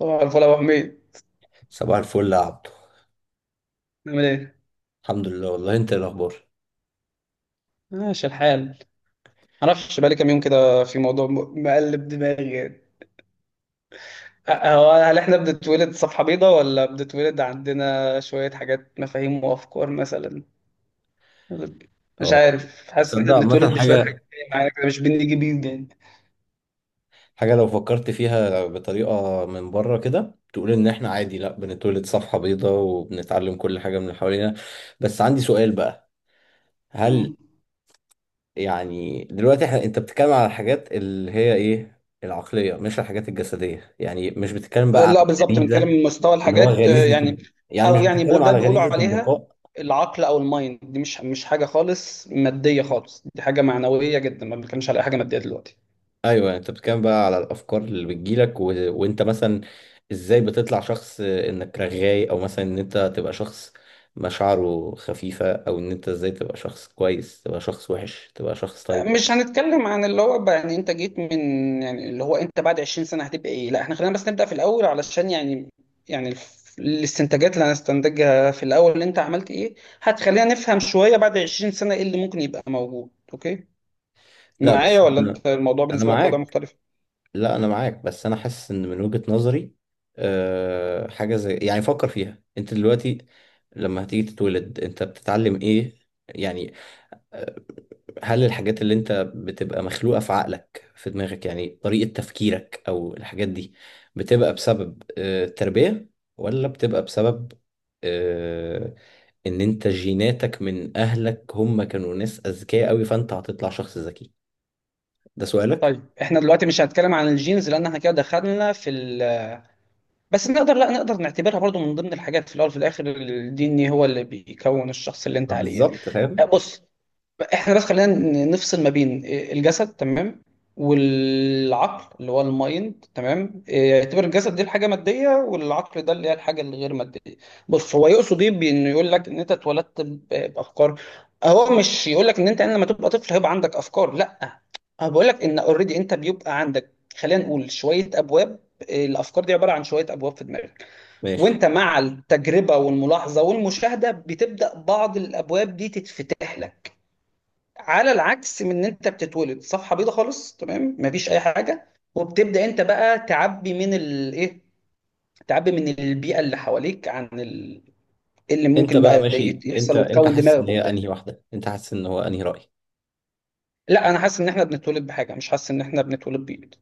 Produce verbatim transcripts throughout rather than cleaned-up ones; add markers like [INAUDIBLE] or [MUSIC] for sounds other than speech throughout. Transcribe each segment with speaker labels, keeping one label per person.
Speaker 1: طبعا الفل يا ابو حميد.
Speaker 2: صباح الفل يا عبدو.
Speaker 1: نعمل ايه؟
Speaker 2: الحمد لله والله، انت ايه الاخبار؟
Speaker 1: ماشي الحال. معرفش بقالي كام يوم كده في موضوع م- مقلب دماغي يعني. أ- هو هل احنا بنتولد صفحة بيضاء، ولا بنتولد عندنا شوية حاجات، مفاهيم وافكار مثلا؟ مش
Speaker 2: اه،
Speaker 1: عارف، حاسس ان احنا
Speaker 2: تصدق عامة الحمد
Speaker 1: بنتولد
Speaker 2: لله
Speaker 1: بشوية حاجات
Speaker 2: حاجة
Speaker 1: جاية معانا كده، مش بنيجي بيض يعني.
Speaker 2: حاجة لو فكرت فيها بطريقة من بره كده تقول ان احنا عادي، لا بنتولد صفحة بيضاء وبنتعلم كل حاجة من اللي حوالينا. بس عندي سؤال بقى. هل
Speaker 1: مم.
Speaker 2: يعني دلوقتي احنا، انت بتتكلم على الحاجات اللي هي ايه، العقلية مش الحاجات الجسدية، يعني مش بتتكلم بقى على
Speaker 1: لا بالظبط، بنتكلم
Speaker 2: الغريزة؟
Speaker 1: من مستوى
Speaker 2: اللي هو
Speaker 1: الحاجات آه،
Speaker 2: غريزة
Speaker 1: يعني.
Speaker 2: ال- يعني مش
Speaker 1: او يعني بو-
Speaker 2: بتتكلم
Speaker 1: ده
Speaker 2: على
Speaker 1: بيقولوا
Speaker 2: غريزة
Speaker 1: عليها
Speaker 2: البقاء.
Speaker 1: العقل او المايند، دي مش مش حاجه خالص ماديه خالص، دي حاجه معنويه جدا. ما بنتكلمش على اي حاجه ماديه دلوقتي.
Speaker 2: ايوه يعني انت بتتكلم بقى على الافكار اللي بتجيلك و... وانت مثلا ازاي بتطلع شخص انك رغاي، او مثلا ان انت تبقى شخص مشاعره خفيفه، او ان انت ازاي تبقى شخص كويس، تبقى شخص وحش، تبقى شخص طيب.
Speaker 1: مش هنتكلم عن اللي هو بقى يعني انت جيت من، يعني اللي هو انت بعد عشرين سنة هتبقى ايه. لا احنا خلينا بس نبدأ في الاول، علشان يعني، يعني الف- الاستنتاجات اللي هنستنتجها في الاول، اللي انت عملت ايه، هتخلينا نفهم شوية بعد عشرين سنة ايه اللي ممكن يبقى موجود. اوكي
Speaker 2: لا
Speaker 1: معايا،
Speaker 2: بس
Speaker 1: ولا
Speaker 2: انا
Speaker 1: انت الموضوع
Speaker 2: أنا
Speaker 1: بالنسبة لك وضع
Speaker 2: معاك.
Speaker 1: مختلف؟
Speaker 2: لا انا معاك بس انا حاسس ان من وجهة نظري. أه حاجه زي يعني فكر فيها انت دلوقتي، لما هتيجي تتولد انت بتتعلم ايه؟ يعني هل الحاجات اللي انت بتبقى مخلوقة في عقلك في دماغك، يعني طريقة تفكيرك او الحاجات دي، بتبقى بسبب آه، التربية ولا بتبقى بسبب آه، ان انت جيناتك من اهلك، هم كانوا ناس اذكياء قوي، فانت هتطلع شخص ذكي. ده سؤالك.
Speaker 1: طيب احنا دلوقتي مش هنتكلم عن الجينز، لان احنا كده دخلنا في ال... بس نقدر لا نقدر نعتبرها برضو من ضمن الحاجات. في الاول وفي الاخر الدي ان ايه هو اللي بيكون الشخص اللي انت
Speaker 2: ما
Speaker 1: عليه يعني.
Speaker 2: بالظبط فاهم.
Speaker 1: بص، احنا بس خلينا ن- نفصل ما بين الجسد، تمام، والعقل اللي هو المايند، تمام؟ إيه، يعتبر الجسد دي الحاجه ماديه، والعقل ده اللي هي الحاجه الغير ماديه. بص، هو يقصد ايه بانه يقول لك ان انت اتولدت ب- بافكار؟ هو مش يقول لك ان انت لما تبقى طفل هيبقى عندك افكار، لا. هو بيقول لك ان اوريدي انت بيبقى عندك، خلينا نقول شويه ابواب. إيه، الافكار دي عباره عن شويه ابواب في دماغك،
Speaker 2: ماشي.
Speaker 1: وانت مع التجربه والملاحظه والمشاهده بتبدا بعض الابواب دي تتفتح لك، على العكس من ان انت بتتولد صفحه بيضه خالص، تمام، مفيش اي حاجه، وبتبدا انت بقى تعبي من الايه، تعبي من البيئه اللي حواليك عن ال... إيه اللي
Speaker 2: انت
Speaker 1: ممكن
Speaker 2: بقى
Speaker 1: بقى
Speaker 2: ماشي،
Speaker 1: يت- يحصل
Speaker 2: انت انت
Speaker 1: وتكون
Speaker 2: حاسس ان
Speaker 1: دماغك
Speaker 2: هي
Speaker 1: وبتاع.
Speaker 2: انهي واحدة، انت حاسس ان هو انهي رأي؟
Speaker 1: لا انا حاسس ان احنا بنتولد بحاجه، مش حاسس ان احنا بنتولد بيض.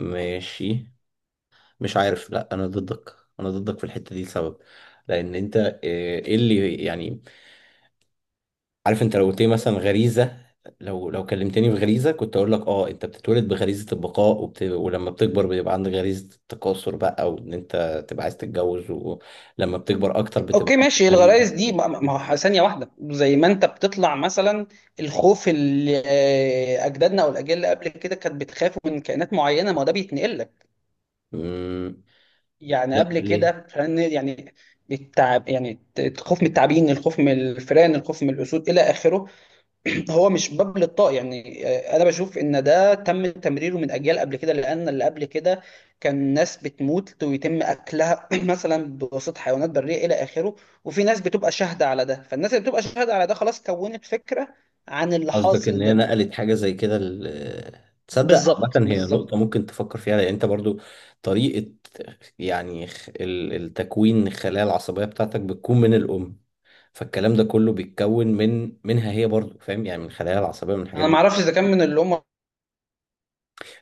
Speaker 2: ماشي، مش عارف. لا انا ضدك. انا ضدك في الحتة دي لسبب. لان انت، آه، ايه اللي يعني، عارف انت لو قلت لي مثلا غريزه. لو لو كلمتني بغريزه كنت اقول لك اه انت بتتولد بغريزه البقاء وبت... ولما بتكبر بيبقى عندك غريزه التكاثر بقى، وان انت تبقى عايز تتجوز، ولما بتكبر اكتر بتبقى
Speaker 1: اوكي
Speaker 2: عندك
Speaker 1: ماشي.
Speaker 2: غريزه.
Speaker 1: الغرايز دي ما ما ما هو ثانيه واحده، زي ما انت بتطلع مثلا الخوف اللي آه، اجدادنا او الاجيال اللي قبل كده كانت بتخاف من كائنات معينه. ما هو ده بيتنقل لك،
Speaker 2: مم.
Speaker 1: يعني
Speaker 2: لا
Speaker 1: قبل
Speaker 2: ليه.
Speaker 1: كده فن يعني التعب، يعني الخوف من التعابين، الخوف من الفئران، الخوف من الاسود الى اخره. [CLEARS THROAT] هو مش باب للطاق يعني، آه، انا بشوف ان ده تم تمريره من اجيال قبل كده، لان اللي قبل كده كان ناس بتموت ويتم اكلها [CLEARS THROAT] مثلا بواسطه حيوانات بريه الى اخره، وفي ناس بتبقى شاهده على ده. فالناس اللي بتبقى شاهده على ده خلاص كونت فكره عن اللي
Speaker 2: قصدك ان
Speaker 1: حاصل
Speaker 2: هي
Speaker 1: ده.
Speaker 2: نقلت حاجه زي كده ال... تصدق
Speaker 1: بالظبط
Speaker 2: عامة هي نقطة
Speaker 1: بالظبط.
Speaker 2: ممكن تفكر فيها، لأن أنت برضو طريقة، يعني خ- ال- التكوين الخلايا العصبية بتاعتك بتكون من الأم، فالكلام ده كله بيتكون من منها هي برضو فاهم، يعني من الخلايا العصبيه، من الحاجات
Speaker 1: انا ما
Speaker 2: دي.
Speaker 1: اعرفش اذا كان من اللي هم.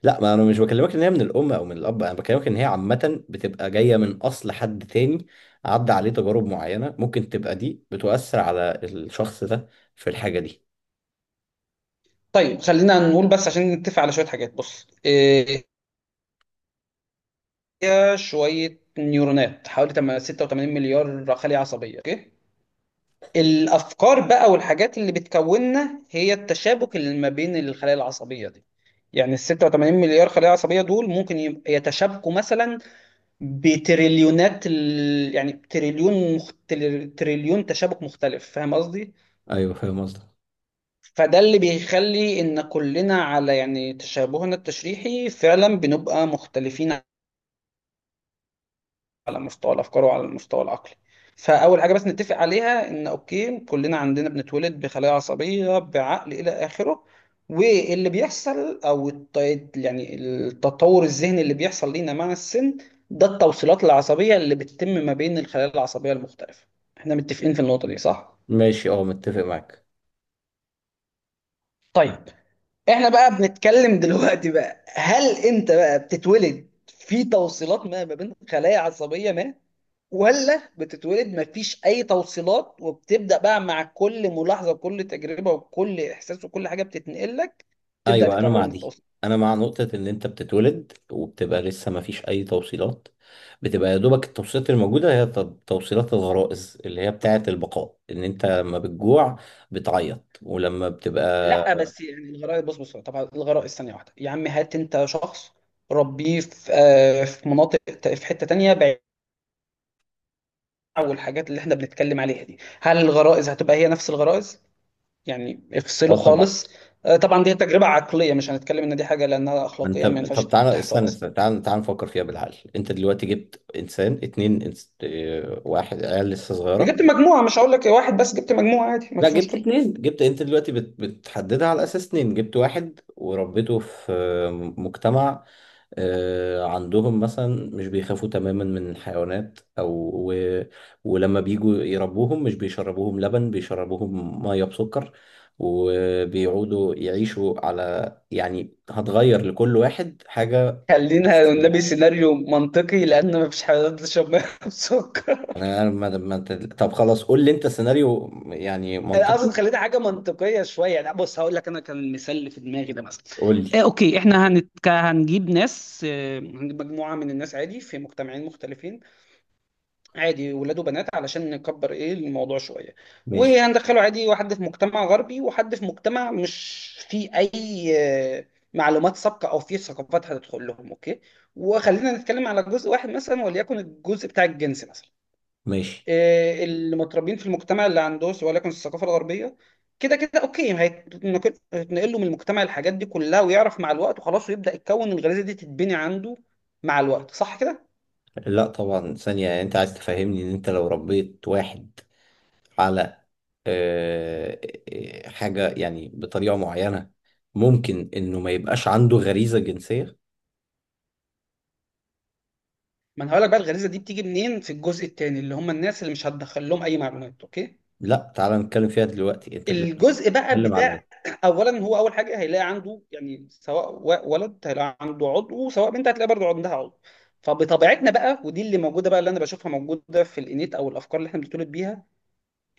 Speaker 2: لا ما انا مش بكلمك ان هي من الام او من الاب، انا بكلمك ان هي عامه بتبقى جايه من اصل حد تاني. عدى عليه تجارب معينه، ممكن تبقى دي بتؤثر على الشخص ده في الحاجه دي.
Speaker 1: طيب خلينا نقول بس عشان نتفق على شويه حاجات. بص، آه، فيها شوية نيورونات حوالي تم- ستة وتمانين مليار خلية عصبية، اوكي؟ الأفكار بقى والحاجات اللي بتكوننا هي التشابك اللي ما بين الخلايا العصبية دي، يعني ال ستة وتمانين مليار خلية عصبية دول ممكن يب- يتشابكوا مثلا بتريليونات ال... يعني تريليون مخت... تريليون تشابك مختلف. فاهم قصدي؟
Speaker 2: ايوه فاهم قصدك.
Speaker 1: فده اللي بيخلي ان كلنا على يعني تشابهنا التشريحي فعلا بنبقى مختلفين على مستوى الافكار وعلى المستوى العقلي. فاول حاجه بس نتفق عليها ان اوكي كلنا عندنا، بنتولد بخلايا عصبيه بعقل الى اخره. واللي بيحصل او الت- يعني التطور الذهني اللي بيحصل لينا مع السن ده التوصيلات العصبيه اللي بتتم ما بين الخلايا العصبيه المختلفه. احنا متفقين في النقطه دي، صح؟
Speaker 2: ماشي اه، متفق معاك.
Speaker 1: طيب. احنا بقى بنتكلم دلوقتي بقى هل انت بقى بتتولد في توصيلات ما ما بين خلايا عصبيه ما، ولا بتتولد مفيش اي توصيلات وبتبدا بقى مع كل ملاحظه وكل تجربه وكل احساس وكل حاجه بتتنقل لك تبدا
Speaker 2: ايوه انا مع
Speaker 1: تكون
Speaker 2: دي.
Speaker 1: التوصيل؟
Speaker 2: انا مع نقطة ان انت بتتولد وبتبقى لسه ما فيش اي توصيلات. بتبقى يا دوبك التوصيلات الموجودة هي ت- توصيلات الغرائز اللي هي بتاعة البقاء، ان انت لما بتجوع بتعيط، ولما
Speaker 1: لا
Speaker 2: بتبقى.
Speaker 1: بس يعني الغرائز، بص بص، طبعا الغرائز ثانيه واحده يا عم. هات انت شخص ربيه في آه، في مناطق، ت- في حته تانيه بعيد عن الحاجات اللي احنا بنتكلم عليها دي. هل الغرائز هتبقى هي نفس الغرائز؟ يعني افصله
Speaker 2: اه طبعا.
Speaker 1: خالص. آه، طبعا دي تجربه عقليه، مش هنتكلم ان دي حاجه لانها
Speaker 2: ما انت
Speaker 1: اخلاقيا ما ينفعش
Speaker 2: طب تعالى
Speaker 1: تحصل
Speaker 2: استنى
Speaker 1: اصلا.
Speaker 2: استنى تعالى تعالى نفكر فيها بالعقل. انت دلوقتي جبت انسان اتنين انس... اه، واحد عيال لسه
Speaker 1: جبت
Speaker 2: صغيرة.
Speaker 1: مجموعة، مش هقول لك واحد بس، جبت مجموعة عادي
Speaker 2: لا
Speaker 1: مفيش
Speaker 2: جبت
Speaker 1: مشكلة.
Speaker 2: اتنين. جبت انت دلوقتي بت... بتحددها على اساس اتنين. جبت واحد وربيته في اه، مجتمع، آه، عندهم مثلا مش بيخافوا تماما من الحيوانات او و... ولما بيجوا يربوهم مش بيشربوهم لبن، بيشربوهم ميه بسكر، وبيقعدوا يعيشوا على، يعني هتغير لكل واحد حاجه
Speaker 1: خلينا نبي
Speaker 2: اساسيه.
Speaker 1: سيناريو منطقي، لان مفيش حد تشرب ميه بسكر [LAUGHS]
Speaker 2: انا أنا ما... ما... أنت- طب خلاص قول لي انت سيناريو يعني
Speaker 1: أنا اقصد
Speaker 2: منطقي.
Speaker 1: خلينا حاجه منطقيه شويه يعني. بص هقول لك انا كان المثال اللي في دماغي ده مثلا.
Speaker 2: قول
Speaker 1: آه
Speaker 2: لي.
Speaker 1: اوكي، احنا هنتك... هنجيب ناس، آه هنجيب مجموعه من الناس عادي في مجتمعين مختلفين، عادي ولاد وبنات علشان نكبر ايه الموضوع شويه.
Speaker 2: ماشي
Speaker 1: وهندخله عادي واحد في مجتمع غربي، وحد في مجتمع مش فيه اي آه، معلومات سابقه او فيه ثقافات هتدخل لهم، اوكي؟ وخلينا نتكلم على جزء واحد مثلا، وليكن الجزء بتاع الجنس مثلا.
Speaker 2: ماشي.
Speaker 1: آه، اللي متربيين في المجتمع اللي عنده، سواء وليكن الثقافه الغربيه، كده كده اوكي هيتنقل هيتنقل له من المجتمع الحاجات دي كلها، ويعرف مع الوقت وخلاص ويبدا يتكون الغريزه دي تتبني عنده مع الوقت، صح كده؟
Speaker 2: لا طبعا ثانية، انت عايز تفهمني ان انت لو ربيت واحد على آه، آه، حاجة يعني بطريقة معينة، ممكن إنه ما يبقاش عنده غريزة جنسية؟
Speaker 1: ما انا هقول لك بقى الغريزه دي بتيجي منين. في الجزء الثاني اللي هم الناس اللي مش هتدخل لهم اي معلومات، اوكي؟
Speaker 2: لا تعالى نتكلم فيها دلوقتي. أنت دلوقتي
Speaker 1: الجزء بقى
Speaker 2: بتتكلم على.
Speaker 1: بتاع [CLEARS THROAT] اولا، هو اول حاجه هيلاقي عنده، يعني سواء و- ولد هيلاقي عنده عضو، وسواء بنت هتلاقي برضه عندها عضو. فبطبيعتنا بقى، ودي اللي موجوده بقى، اللي انا بشوفها موجوده في الانيت او الافكار اللي احنا بنتولد بيها،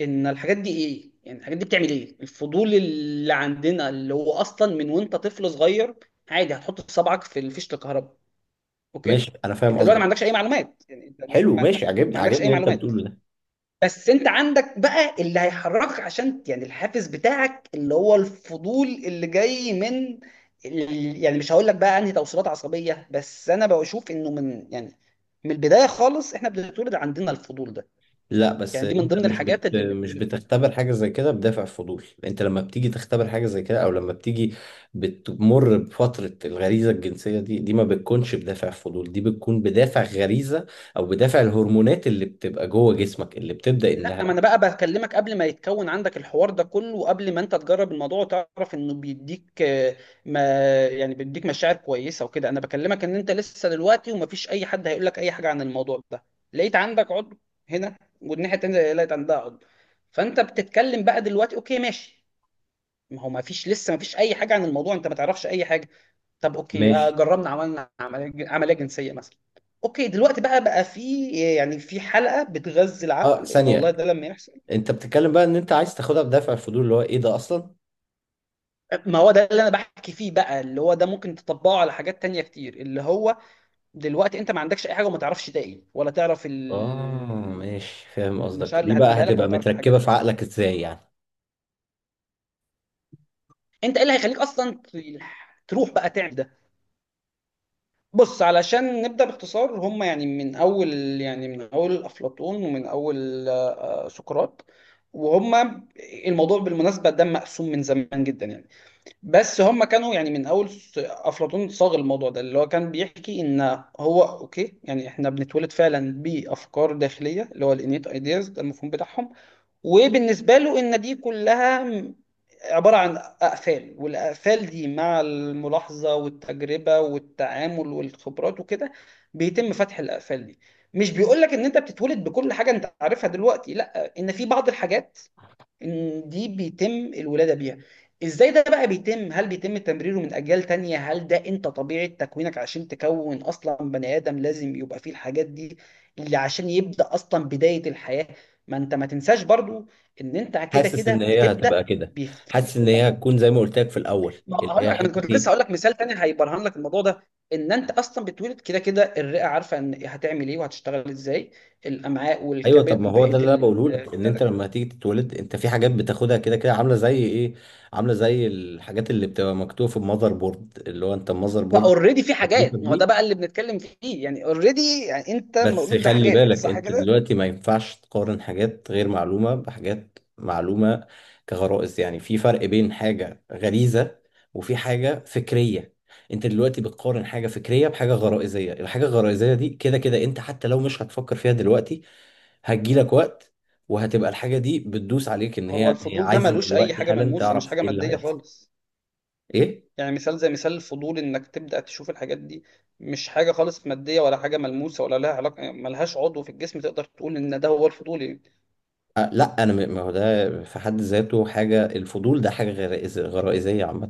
Speaker 1: ان الحاجات دي ايه. يعني الحاجات دي بتعمل ايه الفضول اللي عندنا اللي هو اصلا من وانت طفل صغير، عادي هتحط صبعك في فيشه الكهرباء.
Speaker 2: ماشي،
Speaker 1: اوكي
Speaker 2: أنا فاهم
Speaker 1: انت دلوقتي ما
Speaker 2: قصدك.
Speaker 1: عندكش اي معلومات، يعني انت دلوقتي
Speaker 2: حلو
Speaker 1: ما
Speaker 2: ماشي، عجبني
Speaker 1: ما عندكش
Speaker 2: عجبني
Speaker 1: اي
Speaker 2: اللي أنت
Speaker 1: معلومات،
Speaker 2: بتقوله.
Speaker 1: بس انت عندك بقى اللي هيحركك عشان يعني الحافز بتاعك اللي هو الفضول اللي جاي من ال- يعني مش هقول لك بقى انهي توصيلات عصبيه، بس انا بشوف انه من يعني من البدايه خالص احنا بنتولد عندنا الفضول ده،
Speaker 2: لا بس
Speaker 1: يعني دي من
Speaker 2: انت
Speaker 1: ضمن
Speaker 2: مش بت...
Speaker 1: الحاجات اللي
Speaker 2: مش
Speaker 1: بنتولد بيها.
Speaker 2: بتختبر حاجه زي كده بدافع فضول. انت لما بتيجي تختبر حاجه زي كده، او لما بتيجي بتمر بفتره الغريزه الجنسيه دي، دي ما بتكونش بدافع فضول، دي بتكون بدافع غريزه، او بدافع الهرمونات اللي بتبقى جوه جسمك اللي بتبدا انها.
Speaker 1: لا ما انا بقى بكلمك قبل ما يتكون عندك الحوار ده كله، وقبل ما انت تجرب الموضوع وتعرف انه بيديك آه، ما يعني بيديك مشاعر كويسه وكده. انا بكلمك ان انت لسه دلوقتي ومفيش اي حد هيقول لك اي حاجه عن الموضوع ده، لقيت عندك عضو هنا، والناحيه التانيه لقيت عندها عضو. فانت بتتكلم بقى دلوقتي، اوكي ماشي. ما هو مفيش، لسه مفيش اي حاجه عن الموضوع، انت ما تعرفش اي حاجه. طب اوكي، آه،
Speaker 2: ماشي
Speaker 1: جربنا عملنا عمليه عملية جنسيه مثلا. اوكي دلوقتي بقى بقى في، يعني في حلقه بتغذي
Speaker 2: اه
Speaker 1: العقل ان والله
Speaker 2: ثانيه.
Speaker 1: ده لما يحصل.
Speaker 2: انت بتتكلم بقى ان انت عايز تاخدها بدافع الفضول اللي هو ايه ده اصلا؟
Speaker 1: ما هو ده اللي انا بحكي فيه بقى، اللي هو ده ممكن تطبقه على حاجات تانية كتير، اللي هو دلوقتي انت ما عندكش اي حاجه وما تعرفش ده ايه ولا تعرف
Speaker 2: اه،
Speaker 1: ال-
Speaker 2: ماشي فاهم قصدك.
Speaker 1: المشاعر اللي
Speaker 2: دي بقى
Speaker 1: هتجيبها لك ولا
Speaker 2: هتبقى
Speaker 1: تعرف الحاجات
Speaker 2: متركبه
Speaker 1: دي،
Speaker 2: في
Speaker 1: اوكي؟
Speaker 2: عقلك ازاي يعني؟
Speaker 1: انت ايه اللي هيخليك اصلا ت- تروح بقى تعمل ده؟ بص علشان نبدا باختصار. هم يعني من اول، يعني من اول افلاطون، ومن اول آه، آه، سقراط وهم، الموضوع بالمناسبه ده مقسوم من زمان جدا يعني. بس هم كانوا يعني من اول س- افلاطون صاغ الموضوع ده، اللي هو كان بيحكي ان هو اوكي يعني احنا بنتولد فعلا بافكار داخليه اللي هو الانيت ايدياز، ده المفهوم بتاعهم. وبالنسبه له ان دي كلها م- عباره عن اقفال، والاقفال دي مع الملاحظه والتجربه والتعامل والخبرات وكده بيتم فتح الاقفال دي. مش بيقول لك ان انت بتتولد بكل حاجه انت عارفها دلوقتي لا، ان في بعض الحاجات إن دي بيتم الولادة بيها. ازاي ده بقى بيتم؟ هل بيتم تمريره من اجيال تانية، هل ده انت طبيعة تكوينك عشان تكون اصلا بني ادم لازم يبقى فيه الحاجات دي، اللي عشان يبدأ اصلا بداية الحياة؟ ما انت ما تنساش برضو ان انت كده
Speaker 2: حاسس
Speaker 1: كده
Speaker 2: ان هي
Speaker 1: بتبدأ
Speaker 2: هتبقى كده. حاسس
Speaker 1: بفكرة
Speaker 2: ان
Speaker 1: انك،
Speaker 2: هي هتكون زي ما قلت لك في الاول،
Speaker 1: ما
Speaker 2: اللي
Speaker 1: هقول
Speaker 2: هي
Speaker 1: لك انا
Speaker 2: حته
Speaker 1: كنت لسه
Speaker 2: ايه.
Speaker 1: هقول لك مثال تاني هيبرهن لك الموضوع ده، ان انت اصلا بتولد كده كده الرئة عارفة ان هتعمل ايه وهتشتغل ازاي، الامعاء
Speaker 2: ايوه طب
Speaker 1: والكبد
Speaker 2: ما هو ده
Speaker 1: وبقية
Speaker 2: اللي انا
Speaker 1: ال...
Speaker 2: بقوله لك، ان انت لما هتيجي تتولد انت في حاجات بتاخدها كده كده عامله زي ايه؟ عامله زي الحاجات اللي بتبقى مكتوبه في المذر بورد اللي هو انت المذر بورد.
Speaker 1: فاوريدي في حاجات، ما هو ده بقى اللي بنتكلم فيه، يعني اوريدي يعني انت
Speaker 2: بس
Speaker 1: مولود
Speaker 2: خلي
Speaker 1: بحاجات،
Speaker 2: بالك،
Speaker 1: صح
Speaker 2: انت
Speaker 1: كده.
Speaker 2: دلوقتي ما ينفعش تقارن حاجات غير معلومة بحاجات معلومة كغرائز، يعني في فرق بين حاجة غريزة وفي حاجة فكرية. انت دلوقتي بتقارن حاجة فكرية بحاجة غرائزية، الحاجة الغرائزية دي كده كده انت حتى لو مش هتفكر فيها دلوقتي هتجيلك وقت، وهتبقى الحاجة دي بتدوس عليك ان
Speaker 1: هو
Speaker 2: هي هي
Speaker 1: الفضول ده
Speaker 2: عايزة
Speaker 1: ملوش اي
Speaker 2: دلوقتي
Speaker 1: حاجه
Speaker 2: حالا
Speaker 1: ملموسه، مش
Speaker 2: تعرف
Speaker 1: حاجه
Speaker 2: ايه اللي
Speaker 1: ماديه
Speaker 2: هيحصل.
Speaker 1: خالص.
Speaker 2: ايه؟
Speaker 1: يعني مثال زي مثال الفضول انك تبدا تشوف الحاجات دي، مش حاجه خالص ماديه ولا حاجه ملموسه ولا لها علاقه، يعني ملهاش عضو في الجسم تقدر تقول ان ده هو الفضول يعني.
Speaker 2: أه، لا انا م- ما هو ده في حد ذاته حاجة، الفضول ده حاجة غرائز- غرائزية عامة.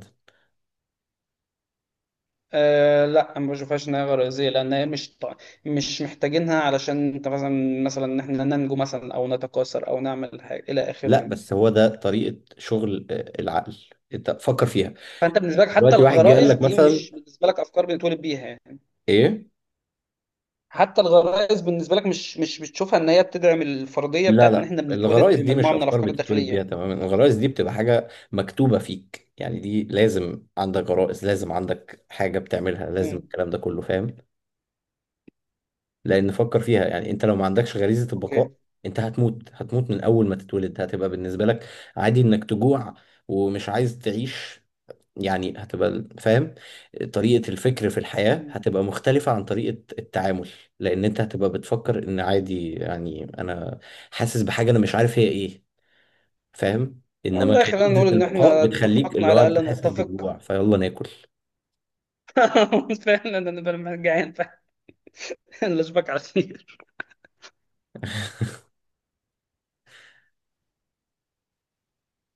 Speaker 1: آه لا، أنا ما بشوفهاش انها غريزيه، لان هي مش ط- مش محتاجينها، علشان انت مثلا مثلا ان احنا ننجو مثلا او نتكاثر او نعمل حاجه الى اخره
Speaker 2: لا
Speaker 1: يعني.
Speaker 2: بس هو ده طريقة شغل آه، العقل. انت فكر فيها
Speaker 1: فانت بالنسبه لك حتى
Speaker 2: دلوقتي واحد جه قال
Speaker 1: الغرائز
Speaker 2: لك
Speaker 1: دي
Speaker 2: مثلا
Speaker 1: مش بالنسبه لك افكار بنتولد بيها يعني.
Speaker 2: ايه.
Speaker 1: حتى الغرائز بالنسبه لك مش مش بتشوفها ان هي بتدعم الفرضيه
Speaker 2: لا
Speaker 1: بتاعت ان
Speaker 2: لا
Speaker 1: احنا بنتولد
Speaker 2: الغرائز دي مش
Speaker 1: بمجموعه من
Speaker 2: افكار
Speaker 1: الافكار
Speaker 2: بتتولد
Speaker 1: الداخليه
Speaker 2: بيها
Speaker 1: يعني.
Speaker 2: تماما. الغرائز دي بتبقى حاجة مكتوبة فيك، يعني دي لازم عندك غرائز، لازم عندك حاجة بتعملها، لازم
Speaker 1: امم.
Speaker 2: الكلام ده كله فاهم. لان فكر فيها يعني، انت لو ما عندكش غريزة البقاء
Speaker 1: اوكي.
Speaker 2: انت هتموت، هتموت من اول ما تتولد. هتبقى بالنسبة لك عادي انك تجوع ومش عايز تعيش. يعني هتبقى فاهم طريقة الفكر في الحياة
Speaker 1: مم.
Speaker 2: هتبقى مختلفة عن طريقة التعامل. لأن أنت هتبقى بتفكر إن عادي يعني أنا حاسس بحاجة، أنا مش عارف هي إيه. فاهم، إنما
Speaker 1: والله خلينا
Speaker 2: غريزة
Speaker 1: نقول ان
Speaker 2: البقاء
Speaker 1: احنا
Speaker 2: بتخليك
Speaker 1: اتفقنا
Speaker 2: اللي هو
Speaker 1: على
Speaker 2: أنت
Speaker 1: الا
Speaker 2: حاسس
Speaker 1: نتفق
Speaker 2: بالجوع فيلا ناكل.
Speaker 1: [LAUGHS] فعلا انا بقى جعان، فلا اشوفك على خير.